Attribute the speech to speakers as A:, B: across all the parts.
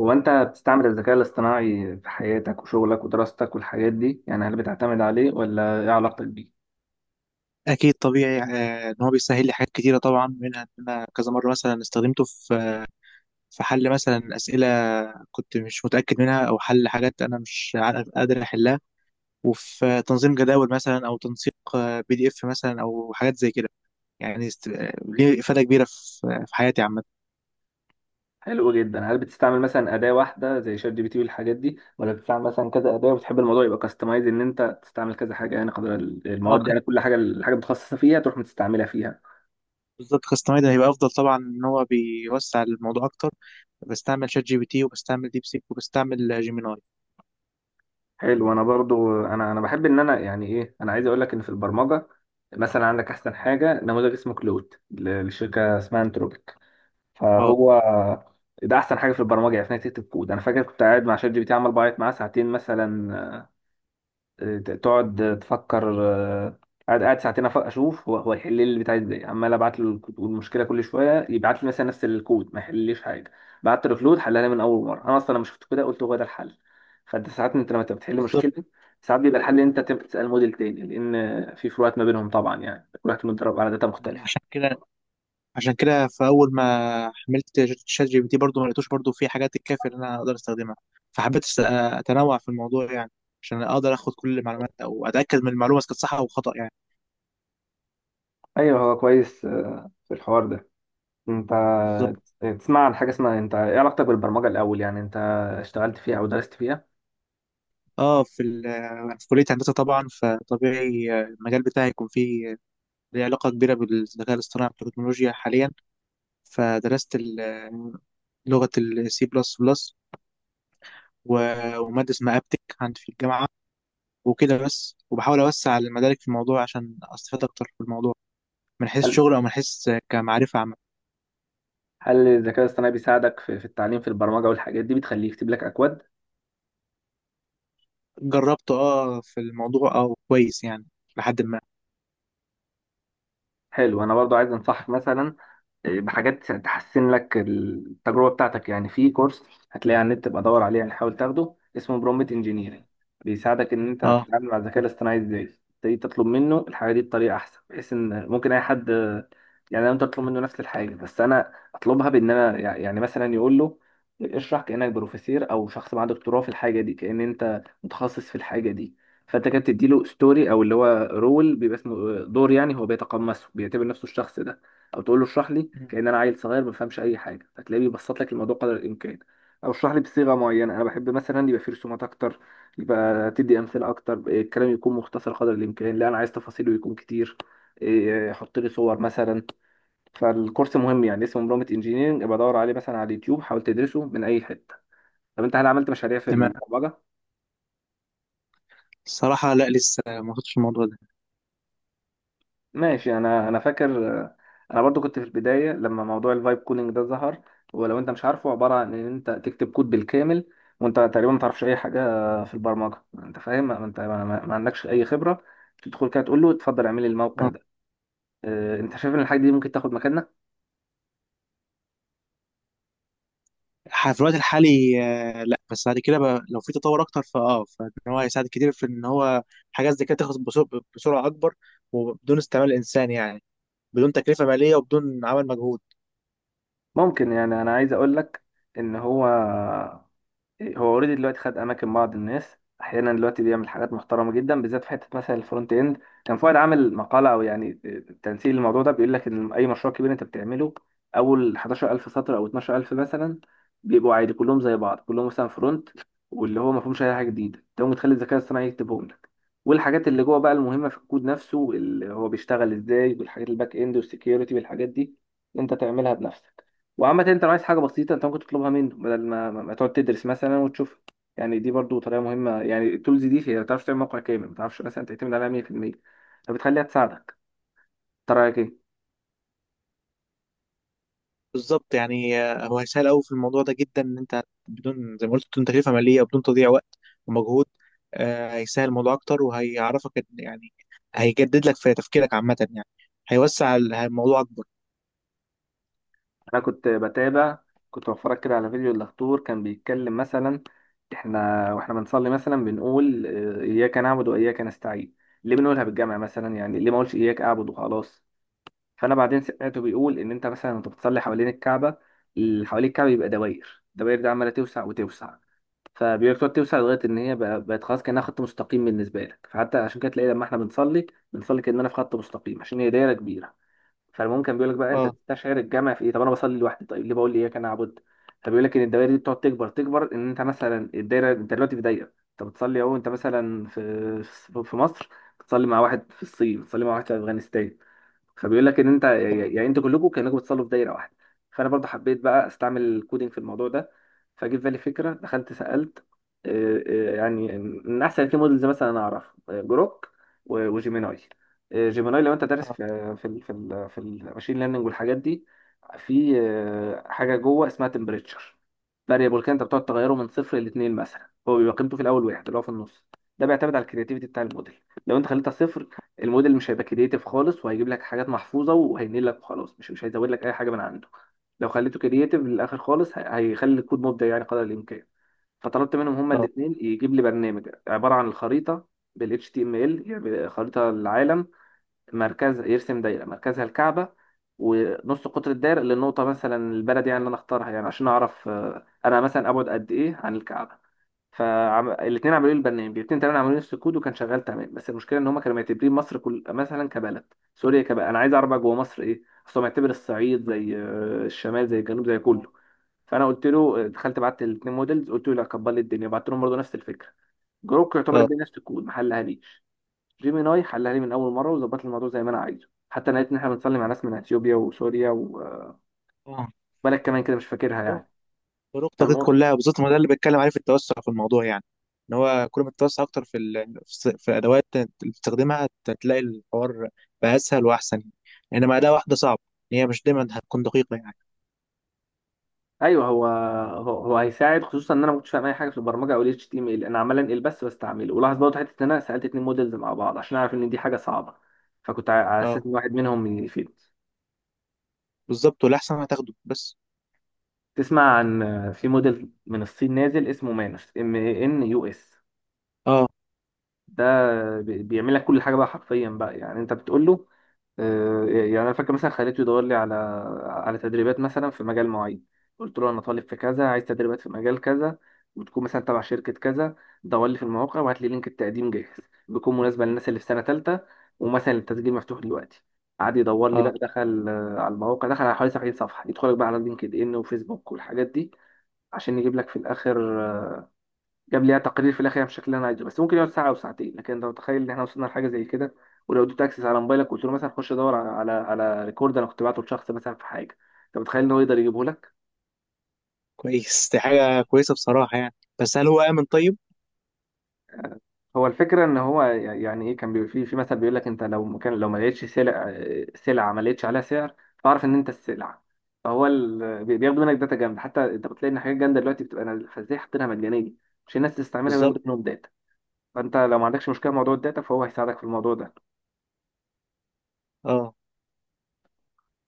A: هو انت بتستعمل الذكاء الاصطناعي في حياتك وشغلك ودراستك والحاجات دي، يعني هل بتعتمد عليه ولا ايه علاقتك بيه؟
B: اكيد طبيعي، ان هو بيسهل لي حاجات كتيره طبعا، منها ان انا كذا مره مثلا استخدمته في حل مثلا اسئله كنت مش متاكد منها، او حل حاجات انا مش عارف- قادر احلها. وفي تنظيم جداول مثلا، او تنسيق PDF مثلا، او حاجات زي كده. يعني ليه افاده كبيره في حياتي عامه.
A: حلو جدا. هل بتستعمل مثلا اداة واحدة زي شات جي بي تي والحاجات دي، ولا بتستعمل مثلا كذا اداة وبتحب الموضوع يبقى كاستمايز ان انت تستعمل كذا حاجة؟ يعني قدر
B: اه،
A: المواد، يعني كل حاجة الحاجة متخصصة فيها تروح متستعملها فيها.
B: بالظبط، كاستمايد هيبقى افضل طبعا، ان هو بيوسع الموضوع اكتر. بستعمل شات جي بي تي، وبستعمل ديب سيك، وبستعمل جيميناي.
A: حلو. انا برضو انا بحب ان انا، يعني ايه، انا عايز اقول لك ان في البرمجة مثلا عندك احسن حاجة، نموذج اسمه كلود للشركة اسمها انتروبيك،
B: اه،
A: فهو ده احسن حاجه في البرمجه، يعني انك تكتب كود. انا فاكر كنت قاعد مع شات جي بي تي عمال بعيط معاه ساعتين مثلا. تقعد تفكر، قاعد ساعتين، اشوف هو يحل لي اللي بتاعي ازاي. عمال ابعت له الكود والمشكله كل شويه يبعت لي مثلا نفس الكود ما يحلليش حاجه. بعت له كود حلها لي من اول مره. انا اصلا لما شفت كده قلت هو ده الحل. فانت ساعات، انت لما تبقى بتحل
B: بالظبط.
A: مشكله ساعات بيبقى الحل ان انت تبقى تسال موديل تاني، لان في فروقات ما بينهم طبعا، يعني كل واحد متدرب على داتا مختلفه.
B: عشان كده عشان كده فاول ما حملت شات جي بي تي، برضه ما لقيتوش برضه فيه حاجات تكفي ان انا اقدر استخدمها. فحبيت اتنوع في الموضوع يعني، عشان اقدر اخد كل المعلومات، او اتاكد من المعلومه اذا كانت صح او خطا يعني.
A: ايوه، هو كويس في الحوار ده. انت
B: بالظبط.
A: تسمع عن حاجة اسمها، انت ايه علاقتك بالبرمجة الأول؟ يعني انت اشتغلت فيها أو درست فيها؟
B: اه، في كليه هندسه طبعا، فطبيعي المجال بتاعي يكون فيه ليه علاقه كبيره بالذكاء الاصطناعي والتكنولوجيا حاليا. فدرست لغه السي بلس بلس، وماده اسمها ابتك عندي في الجامعه. وكده بس. وبحاول اوسع المدارك في الموضوع، عشان استفاد اكتر في الموضوع، من حيث
A: هل
B: شغل او من حيث كمعرفة عامة.
A: هل الذكاء الاصطناعي بيساعدك في التعليم في البرمجة والحاجات دي، بتخليه يكتب لك أكواد؟
B: جربت في الموضوع، كويس يعني، لحد ما.
A: حلو. أنا برضو عايز أنصحك مثلا بحاجات تحسن لك التجربة بتاعتك. يعني في كورس هتلاقيه على النت تبقى دور عليه، يعني حاول تاخده، اسمه برومبت انجينيرنج. بيساعدك ان انت
B: اه،
A: تتعامل مع الذكاء الاصطناعي ازاي، تبتدي تطلب منه الحاجة دي بطريقة احسن. بحيث ان ممكن اي حد، يعني انا ممكن اطلب منه نفس الحاجة بس انا اطلبها بان انا، يعني مثلا يقول له اشرح كأنك بروفيسير او شخص معاه دكتوراه في الحاجة دي، كأن انت متخصص في الحاجة دي. فانت كده بتديله ستوري، او اللي هو رول، بيبقى اسمه دور. يعني هو بيتقمصه، بيعتبر نفسه الشخص ده. او تقول له اشرح لي
B: مم.
A: كأن انا عيل صغير ما بفهمش اي حاجه، هتلاقيه بيبسط لك الموضوع قدر الامكان. او اشرح لي بصيغه معينه انا بحب، مثلا يبقى فيه رسومات اكتر، يبقى تدي امثله اكتر، الكلام يكون مختصر قدر الامكان. لا انا عايز تفاصيله يكون كتير. حط لي صور مثلا. فالكورس مهم، يعني اسمه مرومت انجينيرنج، ابقى دور عليه مثلا على اليوتيوب، حاول تدرسه من اي حته. طب انت هل عملت مشاريع في
B: تمام.
A: البرمجه؟
B: الصراحة لا، لسه ما وصلتش الموضوع ده.
A: ماشي. انا فاكر انا برضو كنت في البدايه لما موضوع الفايب كولينج ده ظهر. ولو انت مش عارفه، عباره عن ان انت تكتب كود بالكامل وانت تقريبا ما تعرفش اي حاجه في البرمجه، انت فاهم، ما انت ما عندكش اي خبره، تدخل كده تقول له اتفضل اعمل لي
B: اه،
A: الموقع ده. انت شايف ان الحاجه دي ممكن تاخد مكاننا؟
B: في الوقت الحالي آه، لا بس بعد كده بقى، لو في تطور اكتر فان هو هيساعد كتير، في ان هو حاجات زي كده تخلص بسرعة، اكبر، وبدون استعمال الانسان يعني، بدون تكلفة مالية وبدون عمل مجهود.
A: ممكن. يعني انا عايز اقول لك ان هو اوريدي دلوقتي خد اماكن بعض الناس، احيانا دلوقتي بيعمل حاجات محترمه جدا، بالذات في حته مثلا الفرونت اند. كان فؤاد عامل مقاله او يعني تنسيق للموضوع ده، بيقول لك ان اي مشروع كبير انت بتعمله، اول 11000 سطر او 12000 مثلا بيبقوا عادي كلهم زي بعض، كلهم مثلا فرونت. واللي هو ما فيهمش اي حاجه جديده، انت ممكن تخلي الذكاء الاصطناعي يكتبهم لك. والحاجات اللي جوه بقى المهمه في الكود نفسه اللي هو بيشتغل ازاي، والحاجات الباك اند والسكيورتي والحاجات دي انت تعملها بنفسك. وعامة انت لو عايز حاجة بسيطة انت ممكن تطلبها منه، بدل ما تقعد تدرس مثلا وتشوفها. يعني دي برضو طريقة مهمة، يعني التولز دي هي ما تعرفش تعمل موقع كامل، ما تعرفش مثلا تعتمد عليها 100%، فبتخليها تساعدك. انت رأيك ايه؟
B: بالظبط يعني. هو هيسهل قوي في الموضوع ده جدا، ان انت بدون زي ما قلت، بدون تكلفه ماليه، وبدون تضييع وقت ومجهود. هيسهل الموضوع اكتر، وهيعرفك يعني هيجدد لك في تفكيرك عامه يعني. هيوسع الموضوع اكبر.
A: انا كنت بتابع، كنت بتفرج كده على فيديو الدكتور كان بيتكلم مثلا، احنا واحنا بنصلي مثلا بنقول اياك نعبد واياك نستعين. ليه بنقولها بالجمع مثلا؟ يعني ليه ما اقولش اياك اعبد وخلاص؟ فانا بعدين سمعته بيقول ان انت مثلا وانت بتصلي حوالين الكعبة، اللي حوالين الكعبة يبقى دواير، الدواير دي عمالة توسع وتوسع. فبيقول لك تقعد توسع لغايه ان هي بقت خلاص كانها خط مستقيم بالنسبه لك. فحتى عشان كده تلاقي لما احنا بنصلي، بنصلي كاننا في خط مستقيم عشان هي دايره كبيره. فالممكن بيقول لك بقى انت
B: اه،
A: بتستشعر الجمع في ايه؟ طب انا بصلي لوحدي، طيب ليه بقول لي اياك انا اعبد؟ فبيقول لك ان الدوائر دي بتقعد تكبر تكبر، ان انت مثلا الدايره، انت دلوقتي في دايره انت بتصلي اهو. انت مثلا في مصر، بتصلي مع واحد في الصين، بتصلي مع واحد في افغانستان. فبيقول لك ان انت،
B: اه،
A: يعني انتوا كلكم كانكم بتصلوا في دايره واحده. فانا برضه حبيت بقى استعمل الكودينج في الموضوع ده. فجه في بالي فكره، دخلت سالت آه، يعني من احسن اتنين مودلز مثلا انا اعرف جروك وجيميناي. جيميناي، لو انت دارس في
B: اه،
A: في ال في ال في الماشين ليرنينج والحاجات دي، في حاجه جوه اسمها تمبريتشر فاريبل كده، انت بتقعد تغيره من صفر لاتنين مثلا. هو بيبقى قيمته في الاول واحد اللي هو في النص. ده بيعتمد على الكرياتيفيتي بتاع الموديل. لو انت خليتها صفر، الموديل مش هيبقى كرييتيف خالص، وهيجيب لك حاجات محفوظه وهينقل لك وخلاص، مش هيزود لك اي حاجه من عنده. لو خليته كرييتيف للاخر خالص، هيخلي الكود مبدع يعني قدر الامكان. فطلبت منهم هما
B: اه،
A: الاثنين يجيب لي برنامج عباره عن الخريطه بال HTML، يعني خريطه العالم، مركزها يرسم دايره مركزها الكعبه، ونص قطر الدايره للنقطه مثلا البلد يعني اللي انا اختارها، يعني عشان اعرف انا مثلا ابعد قد ايه عن الكعبه. فالاثنين عملوا لي البرنامج. الاثنين تمام عملوا لي نفس الكود وكان شغال تمام، بس المشكله ان هم كانوا معتبرين مصر كل مثلا كبلد، سوريا كبلد. انا عايز اعرف بقى جوه مصر ايه، اصل هو معتبر الصعيد زي الشمال زي الجنوب زي كله. فانا قلت له، دخلت بعت الاثنين موديلز قلت له لا كبر لي الدنيا، بعت لهم برضه نفس الفكره. جروك يعتبر
B: اه.
A: الدنيا نفس الكود ما حلهاليش. جيميناي حلها لي من اول مره وظبط لي الموضوع زي ما انا عايزه. حتى انا لقيت ان احنا بنصلي مع ناس من اثيوبيا وسوريا وبلد
B: آه.
A: كمان كده مش فاكرها
B: طرق
A: يعني.
B: طرق التوقيت
A: فالمهم،
B: كلها، بالظبط. ما ده اللي بتكلم عليه، في التوسع في الموضوع يعني. ان هو كل ما تتوسع اكتر في ال... في الس- في الادوات اللي بتستخدمها، هتلاقي الحوار بقى اسهل واحسن يعني. انما اداه واحده صعب، هي مش دايما هتكون دقيقه يعني.
A: ايوه هو هيساعد، خصوصا ان انا ما كنتش فاهم اي حاجه في البرمجه او ال HTML، انا عمال انقل بس بستعمله. ولاحظ برضه حته ان انا سالت اتنين موديلز مع بعض عشان اعرف ان دي حاجه صعبه. فكنت على
B: اه،
A: اساس ان واحد منهم من يفيد.
B: بالظبط. والأحسن هتاخده بس.
A: تسمع عن، في موديل من الصين نازل اسمه مانوس Manus.
B: اه،
A: ده بيعمل لك كل حاجه بقى حرفيا بقى، يعني انت بتقول له يعني انا فاكر مثلا خليته يدور لي على تدريبات مثلا في مجال معين. قلت له انا طالب في كذا، عايز تدريبات في مجال كذا، وتكون مثلا تبع شركه كذا، دور لي في المواقع وهات لي لينك التقديم جاهز، بيكون مناسبه للناس اللي في سنه ثالثه، ومثلا التسجيل مفتوح دلوقتي. قعد يدور لي بقى،
B: اه،
A: دخل على المواقع، دخل على حوالي 70 صفحه، يدخلك بقى على لينكد ان وفيسبوك والحاجات دي، عشان يجيب لك في الاخر جاب لي تقرير في الاخر بالشكل اللي انا عايزه، بس ممكن يقعد ساعه او ساعتين، لكن انت متخيل ان احنا وصلنا لحاجه زي كده؟ ولو اديت اكسس على موبايلك قلت له مثلا خش دور على ريكورد انا كنت بعته لشخص مثلا في حاجه، انت متخيل ان هو يقدر يجيبه لك؟
B: كويس. دي حاجة كويسة بصراحة يعني. بس هل هو آمن طيب؟
A: هو الفكره ان هو، يعني ايه، كان بيبقى في مثل بيقول لك انت لو مكان، لو ما لقيتش سلعه ما لقيتش عليها سعر، فاعرف ان انت السلعه. فهو بياخدوا منك داتا جامده، حتى انت بتلاقي ان حاجات جامده دلوقتي بتبقى نازله، فازاي حاطينها مجانيه؟ عشان الناس تستعملها
B: بالظبط.
A: وياخدوا منهم داتا. فانت لو ما عندكش مشكله مع موضوع الداتا، فهو هيساعدك في الموضوع ده.
B: اه،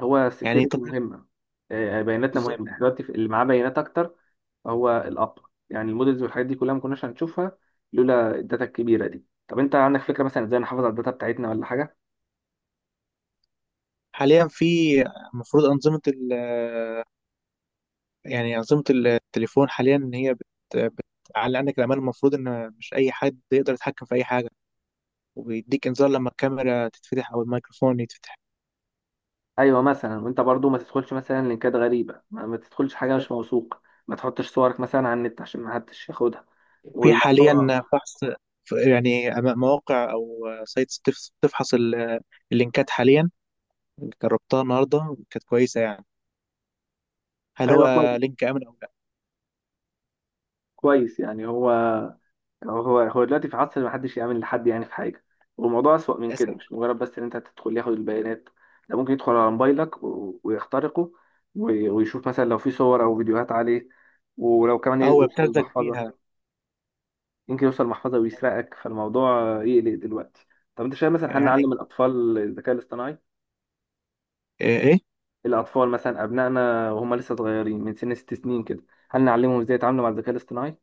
A: هو
B: يعني
A: السكيورتي
B: طب.
A: مهمه، بياناتنا
B: بالظبط.
A: مهمه، احنا دلوقتي اللي معاه بيانات اكتر. هو الاب، يعني المودلز والحاجات دي كلها ما كناش هنشوفها لولا الداتا الكبيره دي. طب انت عندك فكره مثلا ازاي نحافظ على الداتا بتاعتنا ولا حاجه؟
B: حاليا، في المفروض أنظمة ال يعني أنظمة التليفون حاليا، إن هي بتعلي عندك الأمان. المفروض إن مش أي حد يقدر يتحكم في أي حاجة، وبيديك إنذار لما الكاميرا تتفتح أو الميكروفون يتفتح.
A: ايوه، مثلا وانت برضو ما تدخلش مثلا لينكات غريبه، ما تدخلش حاجه
B: بالظبط.
A: مش موثوق. ما تحطش صورك مثلا على النت عشان ما حدش ياخدها
B: في حاليا
A: والموضوع.
B: فحص، يعني مواقع أو سايتس بتفحص اللينكات حاليا. جربتها النهارده كانت كويسه يعني، هل هو
A: ايوه كويس،
B: لينك امن او لا.
A: كويس يعني. هو دلوقتي في عصر ما حدش يأمن لحد، يعني في حاجة. والموضوع أسوأ من
B: للاسف.
A: كده، مش مجرد بس إن أنت تدخل ياخد البيانات. ده ممكن يدخل على موبايلك ويخترقه، ويشوف مثلا لو في صور أو فيديوهات عليه، ولو كمان
B: اه، هو
A: يوصل
B: ابتزك
A: المحفظة،
B: بيها.
A: يمكن يوصل المحفظة ويسرقك. فالموضوع يقلق دلوقتي. طب أنت شايف مثلا
B: يعني
A: هنعلم الأطفال الذكاء الاصطناعي؟
B: ايه.
A: الأطفال مثلا أبنائنا وهم لسه صغيرين من سن 6 سنين كده، هل نعلمهم إزاي يتعاملوا مع الذكاء الاصطناعي؟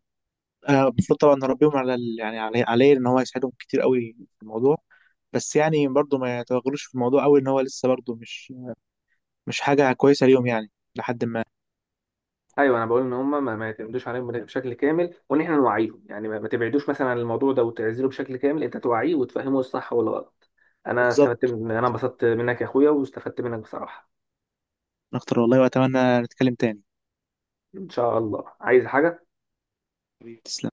B: المفروض طبعا نربيهم على يعني عليه، ان هو يساعدهم كتير قوي في الموضوع. بس يعني برضه ما يتوغلوش في الموضوع قوي، ان هو لسه برضه مش حاجه كويسه ليهم يعني، لحد ما.
A: ايوه. انا بقول ان هم ما يعتمدوش عليهم بشكل كامل، وان احنا نوعيهم. يعني ما تبعدوش مثلا عن الموضوع ده وتعزله بشكل كامل، انت توعيه وتفهمه الصح والغلط. انا استفدت
B: بالظبط.
A: من انا انبسطت منك يا اخويا واستفدت منك بصراحه.
B: اكتر والله، واتمنى نتكلم تاني.
A: ان شاء الله. عايز حاجه؟
B: تسلم.